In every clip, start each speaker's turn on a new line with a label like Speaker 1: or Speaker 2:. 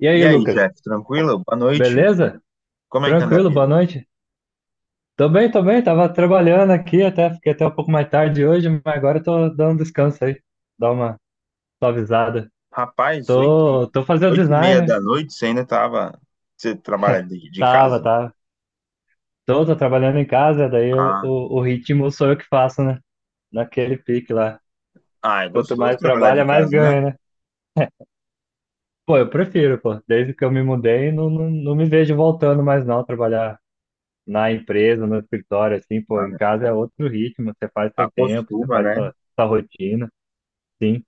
Speaker 1: E aí,
Speaker 2: E aí,
Speaker 1: Lucas?
Speaker 2: Jeff, tranquilo? Boa noite.
Speaker 1: Beleza?
Speaker 2: Como é que anda a
Speaker 1: Tranquilo? Boa
Speaker 2: vida?
Speaker 1: noite? Tô bem, tô bem. Tava trabalhando aqui até, fiquei até um pouco mais tarde hoje, mas agora eu tô dando um descanso aí, dar uma suavizada.
Speaker 2: Rapaz,
Speaker 1: Tô, tô fazendo
Speaker 2: oito e meia
Speaker 1: design,
Speaker 2: da noite, você ainda tava... Você trabalha
Speaker 1: né?
Speaker 2: de, de
Speaker 1: Tava,
Speaker 2: casa?
Speaker 1: tava. Tô trabalhando em casa,
Speaker 2: Ah,
Speaker 1: o ritmo sou eu que faço, né? Naquele pique lá.
Speaker 2: ah, é
Speaker 1: Quanto
Speaker 2: gostoso
Speaker 1: mais
Speaker 2: trabalhar de
Speaker 1: trabalha, mais
Speaker 2: casa,
Speaker 1: ganha,
Speaker 2: né?
Speaker 1: né? Pô, eu prefiro, pô. Desde que eu me mudei, não me vejo voltando mais não, trabalhar na empresa, no escritório, assim, pô,
Speaker 2: Ah,
Speaker 1: em
Speaker 2: né?
Speaker 1: casa é outro ritmo, você faz seu tempo, você
Speaker 2: Acostuma,
Speaker 1: faz
Speaker 2: né?
Speaker 1: sua rotina, sim.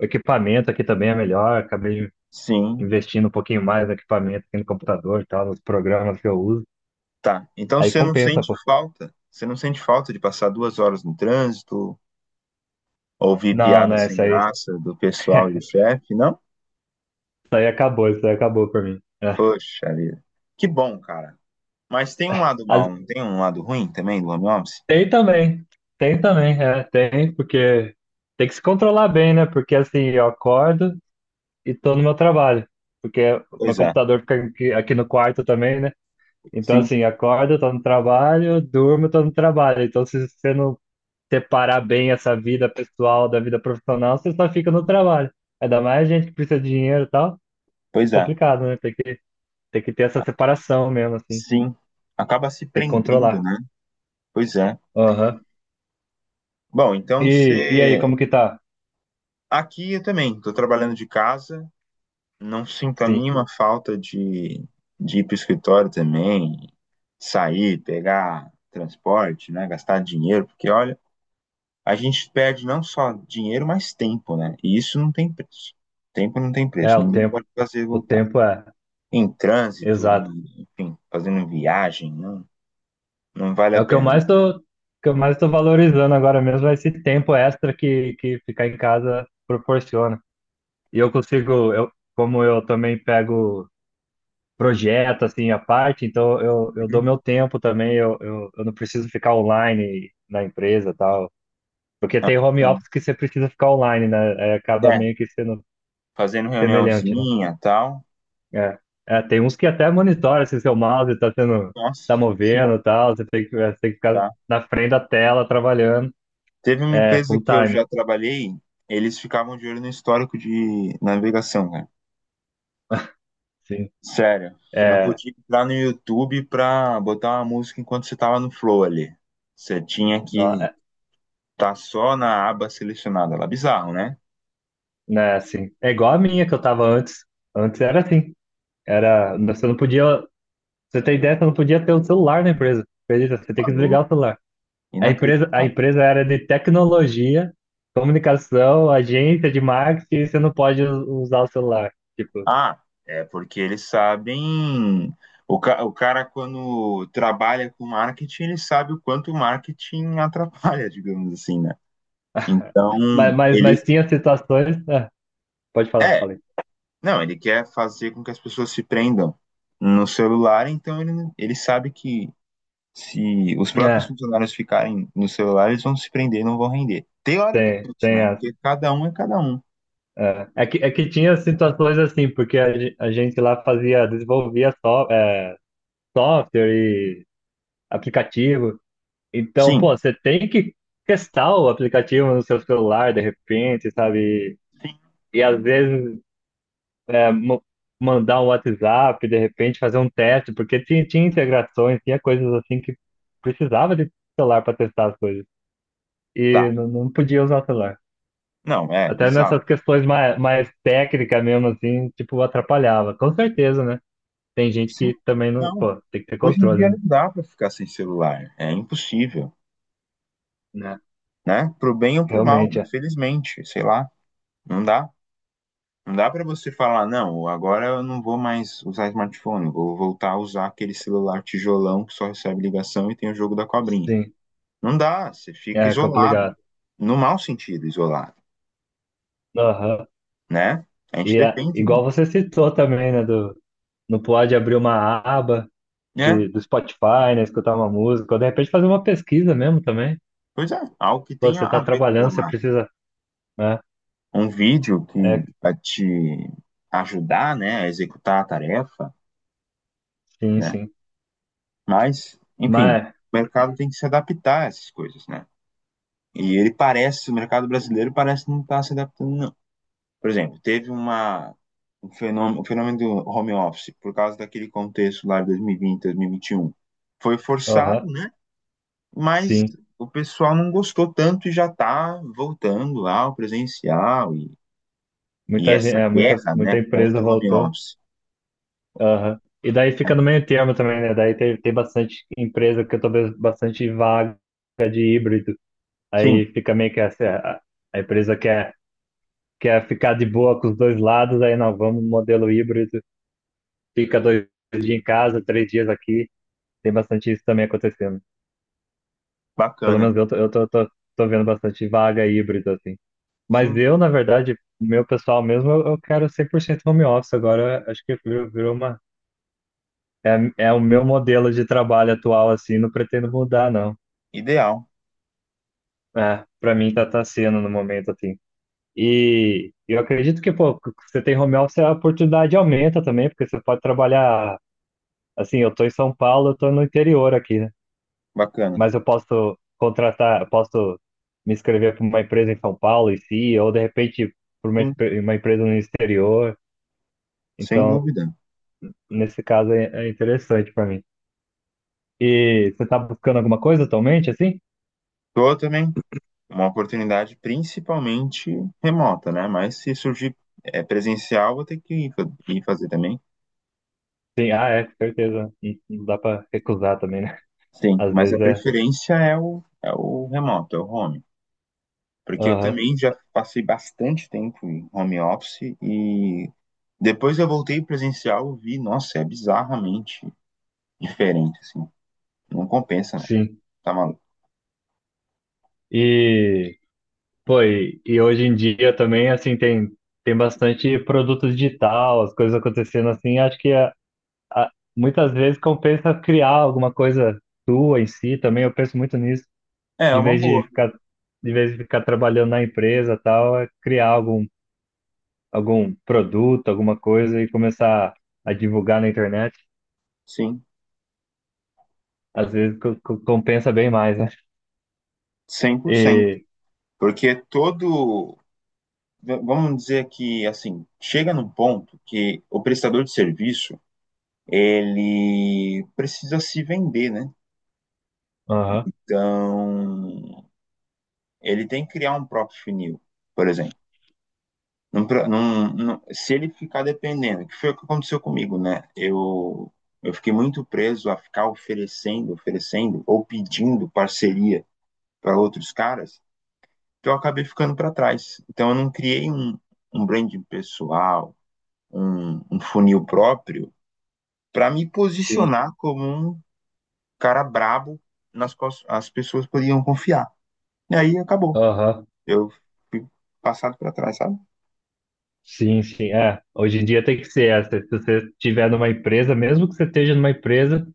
Speaker 1: O equipamento aqui também é melhor, acabei
Speaker 2: Sim,
Speaker 1: investindo um pouquinho mais no equipamento aqui no computador e tal, nos programas que eu uso.
Speaker 2: tá. Então
Speaker 1: Aí
Speaker 2: você não
Speaker 1: compensa,
Speaker 2: sente
Speaker 1: pô.
Speaker 2: falta? Você não sente falta de passar 2 horas no trânsito, ouvir
Speaker 1: Não,
Speaker 2: piada
Speaker 1: né
Speaker 2: sem graça do pessoal e do chefe, não?
Speaker 1: isso aí acabou pra mim. É.
Speaker 2: Poxa vida. Que bom, cara. Mas tem um lado mal,
Speaker 1: As-
Speaker 2: não tem um lado ruim também do home office?
Speaker 1: Tem também, tem também, tem, porque tem que se controlar bem, né? Porque assim, eu acordo e tô no meu trabalho. Porque meu
Speaker 2: Pois é,
Speaker 1: computador fica aqui, aqui no quarto também, né? Então,
Speaker 2: sim,
Speaker 1: assim, acordo, tô no trabalho, durmo, tô no trabalho. Então, se você não separar bem essa vida pessoal da vida profissional, você só fica no trabalho. Ainda mais gente que precisa de dinheiro e tal,
Speaker 2: pois é.
Speaker 1: complicado, né? Tem que ter essa separação mesmo, assim.
Speaker 2: Sim, acaba se
Speaker 1: Tem que
Speaker 2: prendendo,
Speaker 1: controlar.
Speaker 2: né? Pois é.
Speaker 1: Aham.
Speaker 2: Bom, então
Speaker 1: E aí,
Speaker 2: você.
Speaker 1: como que tá?
Speaker 2: Aqui eu também estou trabalhando de casa, não sinto a
Speaker 1: Sim,
Speaker 2: mínima falta de ir para o escritório também, sair, pegar transporte, né? Gastar dinheiro, porque olha, a gente perde não só dinheiro, mas tempo, né? E isso não tem preço. Tempo não tem
Speaker 1: é
Speaker 2: preço,
Speaker 1: o
Speaker 2: ninguém
Speaker 1: tempo.
Speaker 2: pode fazer
Speaker 1: O
Speaker 2: voltar.
Speaker 1: tempo é,
Speaker 2: Em trânsito, em,
Speaker 1: exato.
Speaker 2: enfim, fazendo viagem, não, não vale
Speaker 1: É
Speaker 2: a
Speaker 1: o que eu
Speaker 2: pena.
Speaker 1: mais que eu mais tô valorizando agora mesmo, é esse tempo extra que ficar em casa proporciona. Como eu também pego projeto, assim, à parte, então eu dou
Speaker 2: Uhum.
Speaker 1: meu tempo também, eu não preciso ficar online na empresa e tal. Porque
Speaker 2: Ah,
Speaker 1: tem home
Speaker 2: então.
Speaker 1: office que você precisa ficar online, né? Aí acaba
Speaker 2: É.
Speaker 1: meio que sendo
Speaker 2: Fazendo
Speaker 1: semelhante, né?
Speaker 2: reuniãozinha, tal.
Speaker 1: É, É, tem uns que até monitora se seu mouse tá sendo,
Speaker 2: Nossa,
Speaker 1: tá
Speaker 2: sim,
Speaker 1: movendo e tal, você tem você tem que ficar
Speaker 2: tá.
Speaker 1: na frente da tela trabalhando,
Speaker 2: Teve uma
Speaker 1: é,
Speaker 2: empresa
Speaker 1: full
Speaker 2: que eu
Speaker 1: time,
Speaker 2: já trabalhei, eles ficavam de olho no histórico de navegação, cara.
Speaker 1: sim.
Speaker 2: Sério, você não
Speaker 1: É,
Speaker 2: podia entrar no YouTube pra botar uma música enquanto você tava no flow ali. Você tinha
Speaker 1: não,
Speaker 2: que
Speaker 1: é,
Speaker 2: estar só na aba selecionada lá. Bizarro, né?
Speaker 1: né, assim, é igual a minha que eu tava antes, antes era assim. Era, você não podia, você tem ideia, você não podia ter um celular na empresa. Acredita? Você tem que
Speaker 2: Maluco,
Speaker 1: desligar o celular. A empresa, a
Speaker 2: inacreditável.
Speaker 1: empresa era de tecnologia, comunicação, agência de marketing, e você não pode usar o celular. Tipo,
Speaker 2: Ah, é porque eles sabem. O cara, quando trabalha com marketing, ele sabe o quanto o marketing atrapalha, digamos assim, né? Então,
Speaker 1: mas
Speaker 2: ele
Speaker 1: tinha situações. Ah, pode falar,
Speaker 2: é,
Speaker 1: falei.
Speaker 2: não, ele quer fazer com que as pessoas se prendam no celular, então ele sabe que se os próprios
Speaker 1: É,
Speaker 2: funcionários ficarem no celular, eles vão se prender, não vão render. Teoricamente,
Speaker 1: tem
Speaker 2: né?
Speaker 1: as.
Speaker 2: Porque cada um é cada um.
Speaker 1: É que tinha situações assim, porque a gente lá fazia, desenvolvia só, é, software e aplicativo. Então,
Speaker 2: Sim,
Speaker 1: pô, você tem que testar o aplicativo no seu celular de repente, sabe?
Speaker 2: sim,
Speaker 1: E às vezes é, mo- mandar um WhatsApp, de repente fazer um teste, porque tinha integrações, tinha coisas assim que precisava de celular para testar as coisas. E
Speaker 2: tá.
Speaker 1: não podia usar o celular.
Speaker 2: Não, é
Speaker 1: Até
Speaker 2: bizarro.
Speaker 1: nessas questões mais técnicas mesmo, assim, tipo, atrapalhava. Com certeza, né? Tem gente
Speaker 2: Sim,
Speaker 1: que também não,
Speaker 2: não.
Speaker 1: pô, tem que ter
Speaker 2: Hoje em dia
Speaker 1: controle,
Speaker 2: não
Speaker 1: né?
Speaker 2: dá pra ficar sem celular, é impossível,
Speaker 1: Né?
Speaker 2: né? Pro bem ou pro mal,
Speaker 1: Realmente, é.
Speaker 2: infelizmente, sei lá, não dá. Não dá para você falar, não, agora eu não vou mais usar smartphone, vou voltar a usar aquele celular tijolão que só recebe ligação e tem o jogo da cobrinha.
Speaker 1: Sim,
Speaker 2: Não dá, você fica
Speaker 1: é
Speaker 2: isolado,
Speaker 1: complicado.
Speaker 2: no mau sentido, isolado,
Speaker 1: Aham.
Speaker 2: né? A gente
Speaker 1: E é,
Speaker 2: depende
Speaker 1: igual
Speaker 2: muito,
Speaker 1: você citou também, né? Do, no Pod abrir uma aba
Speaker 2: né?
Speaker 1: do Spotify, né? Escutar uma música, ou de repente fazer uma pesquisa mesmo também.
Speaker 2: Pois é, algo que
Speaker 1: Pô,
Speaker 2: tenha
Speaker 1: você
Speaker 2: a
Speaker 1: tá
Speaker 2: ver com o
Speaker 1: trabalhando, você
Speaker 2: trabalho.
Speaker 1: precisa, né?
Speaker 2: Um vídeo que
Speaker 1: É,
Speaker 2: vai te ajudar, né, a executar a tarefa,
Speaker 1: sim,
Speaker 2: né?
Speaker 1: sim.
Speaker 2: Mas, enfim, o
Speaker 1: Mas,
Speaker 2: mercado tem que se adaptar a essas coisas, né? E ele parece, o mercado brasileiro parece não estar se adaptando. Por exemplo, teve uma, um fenômeno, o fenômeno do home office, por causa daquele contexto lá de 2020, 2021. Foi forçado,
Speaker 1: aham,
Speaker 2: né? Mas
Speaker 1: sim.
Speaker 2: o pessoal não gostou tanto e já está voltando lá ao presencial e
Speaker 1: Muita gente,
Speaker 2: essa
Speaker 1: é,
Speaker 2: guerra,
Speaker 1: muita
Speaker 2: né,
Speaker 1: empresa
Speaker 2: contra o home
Speaker 1: voltou.
Speaker 2: office.
Speaker 1: Aham. E daí
Speaker 2: Né?
Speaker 1: fica no meio termo também, né? Daí tem bastante empresa que eu tô vendo bastante vaga de híbrido.
Speaker 2: Sim,
Speaker 1: Aí fica meio que essa, a empresa quer que é ficar de boa com os dois lados, aí não, vamos modelo híbrido, fica dois dias em casa, três dias aqui, tem bastante isso também acontecendo. Pelo
Speaker 2: bacana.
Speaker 1: menos tô vendo bastante vaga híbrida, assim. Mas
Speaker 2: Sim,
Speaker 1: eu, na verdade, meu pessoal mesmo, eu quero 100% home office agora, acho que virou, virou uma... É, é o meu modelo de trabalho atual, assim, não pretendo mudar, não.
Speaker 2: ideal.
Speaker 1: É, pra mim tá sendo no momento, assim. E eu acredito que, pô, você tem home office, a oportunidade aumenta também, porque você pode trabalhar. Assim, eu tô em São Paulo, eu tô no interior aqui, né?
Speaker 2: Bacana.
Speaker 1: Mas eu posso contratar, eu posso me inscrever para uma empresa em São Paulo em si, ou de repente para
Speaker 2: Sim,
Speaker 1: uma empresa no exterior.
Speaker 2: sem
Speaker 1: Então,
Speaker 2: dúvida.
Speaker 1: nesse caso é interessante para mim. E você tá buscando alguma coisa atualmente, assim?
Speaker 2: Tô também uma oportunidade principalmente remota, né? Mas se surgir é, presencial, vou ter que ir ir fazer também.
Speaker 1: Sim, ah, é, com certeza. Não dá para recusar também, né?
Speaker 2: Sim,
Speaker 1: Às
Speaker 2: mas a
Speaker 1: vezes é.
Speaker 2: preferência é é o remoto, é o home. Porque eu
Speaker 1: Aham,
Speaker 2: também já passei bastante tempo em home office e depois eu voltei presencial e vi, nossa, é bizarramente diferente, assim. Não compensa, não.
Speaker 1: sim.
Speaker 2: Tá maluco.
Speaker 1: E, e hoje em dia também, assim, tem bastante produto digital, as coisas acontecendo assim, acho que é, muitas vezes compensa criar alguma coisa tua em si também. Eu penso muito nisso,
Speaker 2: É
Speaker 1: de
Speaker 2: uma
Speaker 1: vez de
Speaker 2: boa,
Speaker 1: ficar, de vez de ficar trabalhando na empresa e tal, é criar algum produto, alguma coisa e começar a divulgar na internet.
Speaker 2: sim,
Speaker 1: Às vezes compensa bem mais, né?
Speaker 2: 100%.
Speaker 1: E,
Speaker 2: Porque todo, vamos dizer que, assim, chega num ponto que o prestador de serviço, ele precisa se vender, né?
Speaker 1: aham,
Speaker 2: Então, ele tem que criar um próprio funil, por exemplo. Num pro- num- se ele ficar dependendo, que foi o que aconteceu comigo, né? Eu fiquei muito preso a ficar oferecendo ou pedindo parceria para outros caras, que eu acabei ficando para trás. Então eu não criei um branding pessoal, um funil próprio, para me
Speaker 1: sim,
Speaker 2: posicionar como um cara brabo nas quais as pessoas podiam confiar. E aí acabou.
Speaker 1: aham.
Speaker 2: Eu fui passado para trás, sabe?
Speaker 1: Sim, sim, é. Hoje em dia tem que ser. Se se você estiver numa empresa, mesmo que você esteja numa empresa,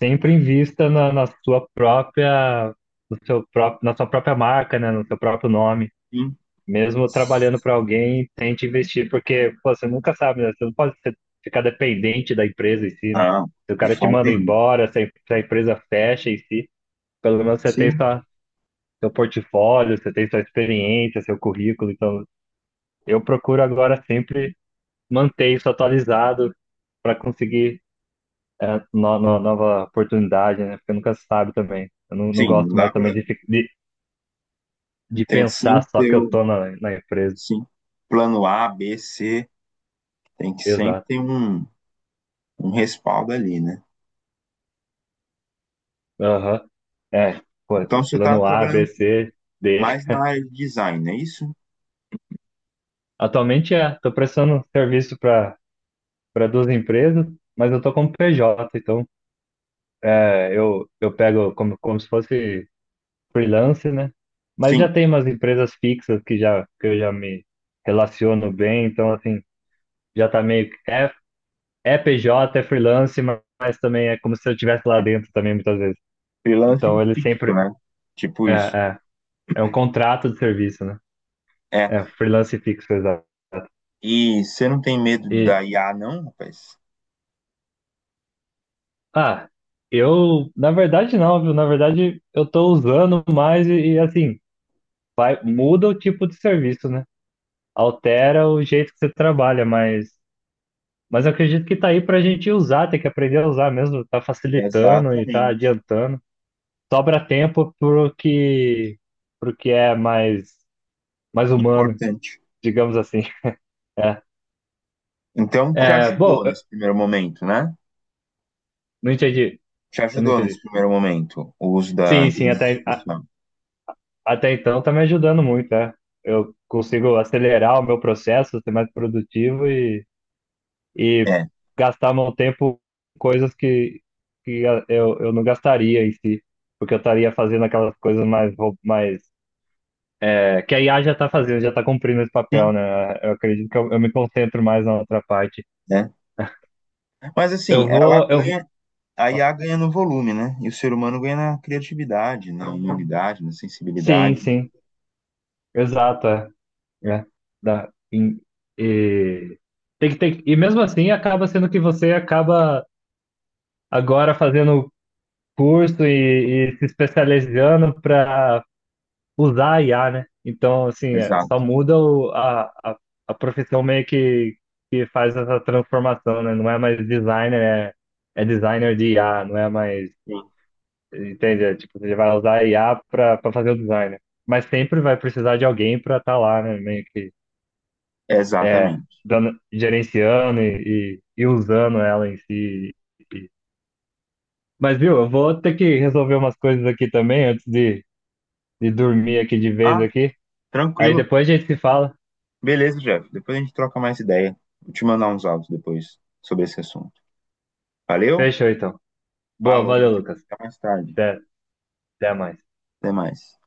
Speaker 1: sempre invista na sua própria, no seu próprio, na sua própria marca, né? No seu próprio nome.
Speaker 2: Sim.
Speaker 1: Mesmo trabalhando para alguém, tente investir, porque pô, você nunca sabe, né? Você não pode ficar dependente da empresa em si, né?
Speaker 2: Não,
Speaker 1: Se o
Speaker 2: de
Speaker 1: cara te
Speaker 2: forma
Speaker 1: manda
Speaker 2: nenhuma.
Speaker 1: embora, se a empresa fecha em si, pelo menos você tem
Speaker 2: Sim,
Speaker 1: sua, seu portfólio, você tem sua experiência, seu currículo. Então, eu procuro agora sempre manter isso atualizado para conseguir nova oportunidade, né? Porque nunca se sabe também. Eu não
Speaker 2: sim, não
Speaker 1: gosto
Speaker 2: dá
Speaker 1: mais também
Speaker 2: para.
Speaker 1: de
Speaker 2: Tem que sim
Speaker 1: pensar só
Speaker 2: ter
Speaker 1: que eu tô na empresa.
Speaker 2: sim, plano A, B, C, tem que sempre
Speaker 1: Exato.
Speaker 2: ter um respaldo ali, né?
Speaker 1: Aham. É, pô,
Speaker 2: Então você está
Speaker 1: plano A, B,
Speaker 2: trabalhando
Speaker 1: C, D.
Speaker 2: mais na área de design, é isso?
Speaker 1: Atualmente é, tô prestando serviço para duas empresas, mas eu tô como PJ, então é, eu pego como se fosse freelance, né? Mas
Speaker 2: Sim,
Speaker 1: já tem umas empresas fixas que eu já me relaciono bem, então assim, já tá meio que. É é PJ, é freelance, mas também é como se eu estivesse lá dentro também, muitas vezes.
Speaker 2: freelancing
Speaker 1: Então ele
Speaker 2: fixo,
Speaker 1: sempre
Speaker 2: né? Tipo
Speaker 1: é,
Speaker 2: isso.
Speaker 1: é, é um contrato de serviço, né?
Speaker 2: É.
Speaker 1: É freelance fixo, exato.
Speaker 2: E você não tem medo
Speaker 1: E,
Speaker 2: da IA, não, rapaz?
Speaker 1: ah, eu, na verdade não, viu? Na verdade eu tô usando mais assim, vai, muda o tipo de serviço, né? Altera o jeito que você trabalha, mas eu acredito que tá aí pra gente usar, tem que aprender a usar mesmo, tá facilitando e tá
Speaker 2: Exatamente,
Speaker 1: adiantando. Sobra tempo pro que é mais humano,
Speaker 2: importante.
Speaker 1: digamos assim. É.
Speaker 2: Então te
Speaker 1: É, bom,
Speaker 2: ajudou
Speaker 1: eu
Speaker 2: nesse primeiro momento, né?
Speaker 1: não entendi.
Speaker 2: Te
Speaker 1: Eu não
Speaker 2: ajudou nesse
Speaker 1: entendi.
Speaker 2: primeiro momento o uso da
Speaker 1: Sim, sim,
Speaker 2: inteligência artificial.
Speaker 1: até então tá me ajudando muito, é. Eu consigo acelerar o meu processo, ser mais produtivo e
Speaker 2: É.
Speaker 1: gastar meu tempo em coisas que eu não gastaria em si, porque eu estaria fazendo aquelas coisas mais é, que a IA já tá fazendo, já tá cumprindo esse papel,
Speaker 2: Sim.
Speaker 1: né? Eu acredito que eu me concentro mais na outra parte.
Speaker 2: Né? Mas assim,
Speaker 1: Eu
Speaker 2: ela
Speaker 1: vou, eu,
Speaker 2: ganha, a IA ganha no volume, né? E o ser humano ganha na criatividade, na humanidade, na
Speaker 1: sim,
Speaker 2: sensibilidade.
Speaker 1: sim, exato. É. É, dá, em- e, tem, que- e mesmo assim acaba sendo que você acaba agora fazendo curso e se especializando para usar a IA, né? Então, assim, é, só
Speaker 2: Exato.
Speaker 1: muda a profissão meio que faz essa transformação, né? Não é mais designer, é designer de IA, não é mais,
Speaker 2: Sim.
Speaker 1: entende? É, tipo, você vai usar a IA para fazer o design, né? Mas sempre vai precisar de alguém para estar lá, né? Meio que É,
Speaker 2: Exatamente.
Speaker 1: dando, gerenciando e usando ela em si. E- Mas, viu, eu vou ter que resolver umas coisas aqui também antes de dormir aqui de vez
Speaker 2: Ah,
Speaker 1: aqui. Aí
Speaker 2: tranquilo.
Speaker 1: depois a gente se fala.
Speaker 2: Beleza, Jeff. Depois a gente troca mais ideia. Vou te mandar uns áudios depois sobre esse assunto. Valeu?
Speaker 1: Fechou, então. Boa,
Speaker 2: Falou,
Speaker 1: valeu,
Speaker 2: então.
Speaker 1: Lucas.
Speaker 2: Até mais tarde.
Speaker 1: Até, até mais.
Speaker 2: Até mais.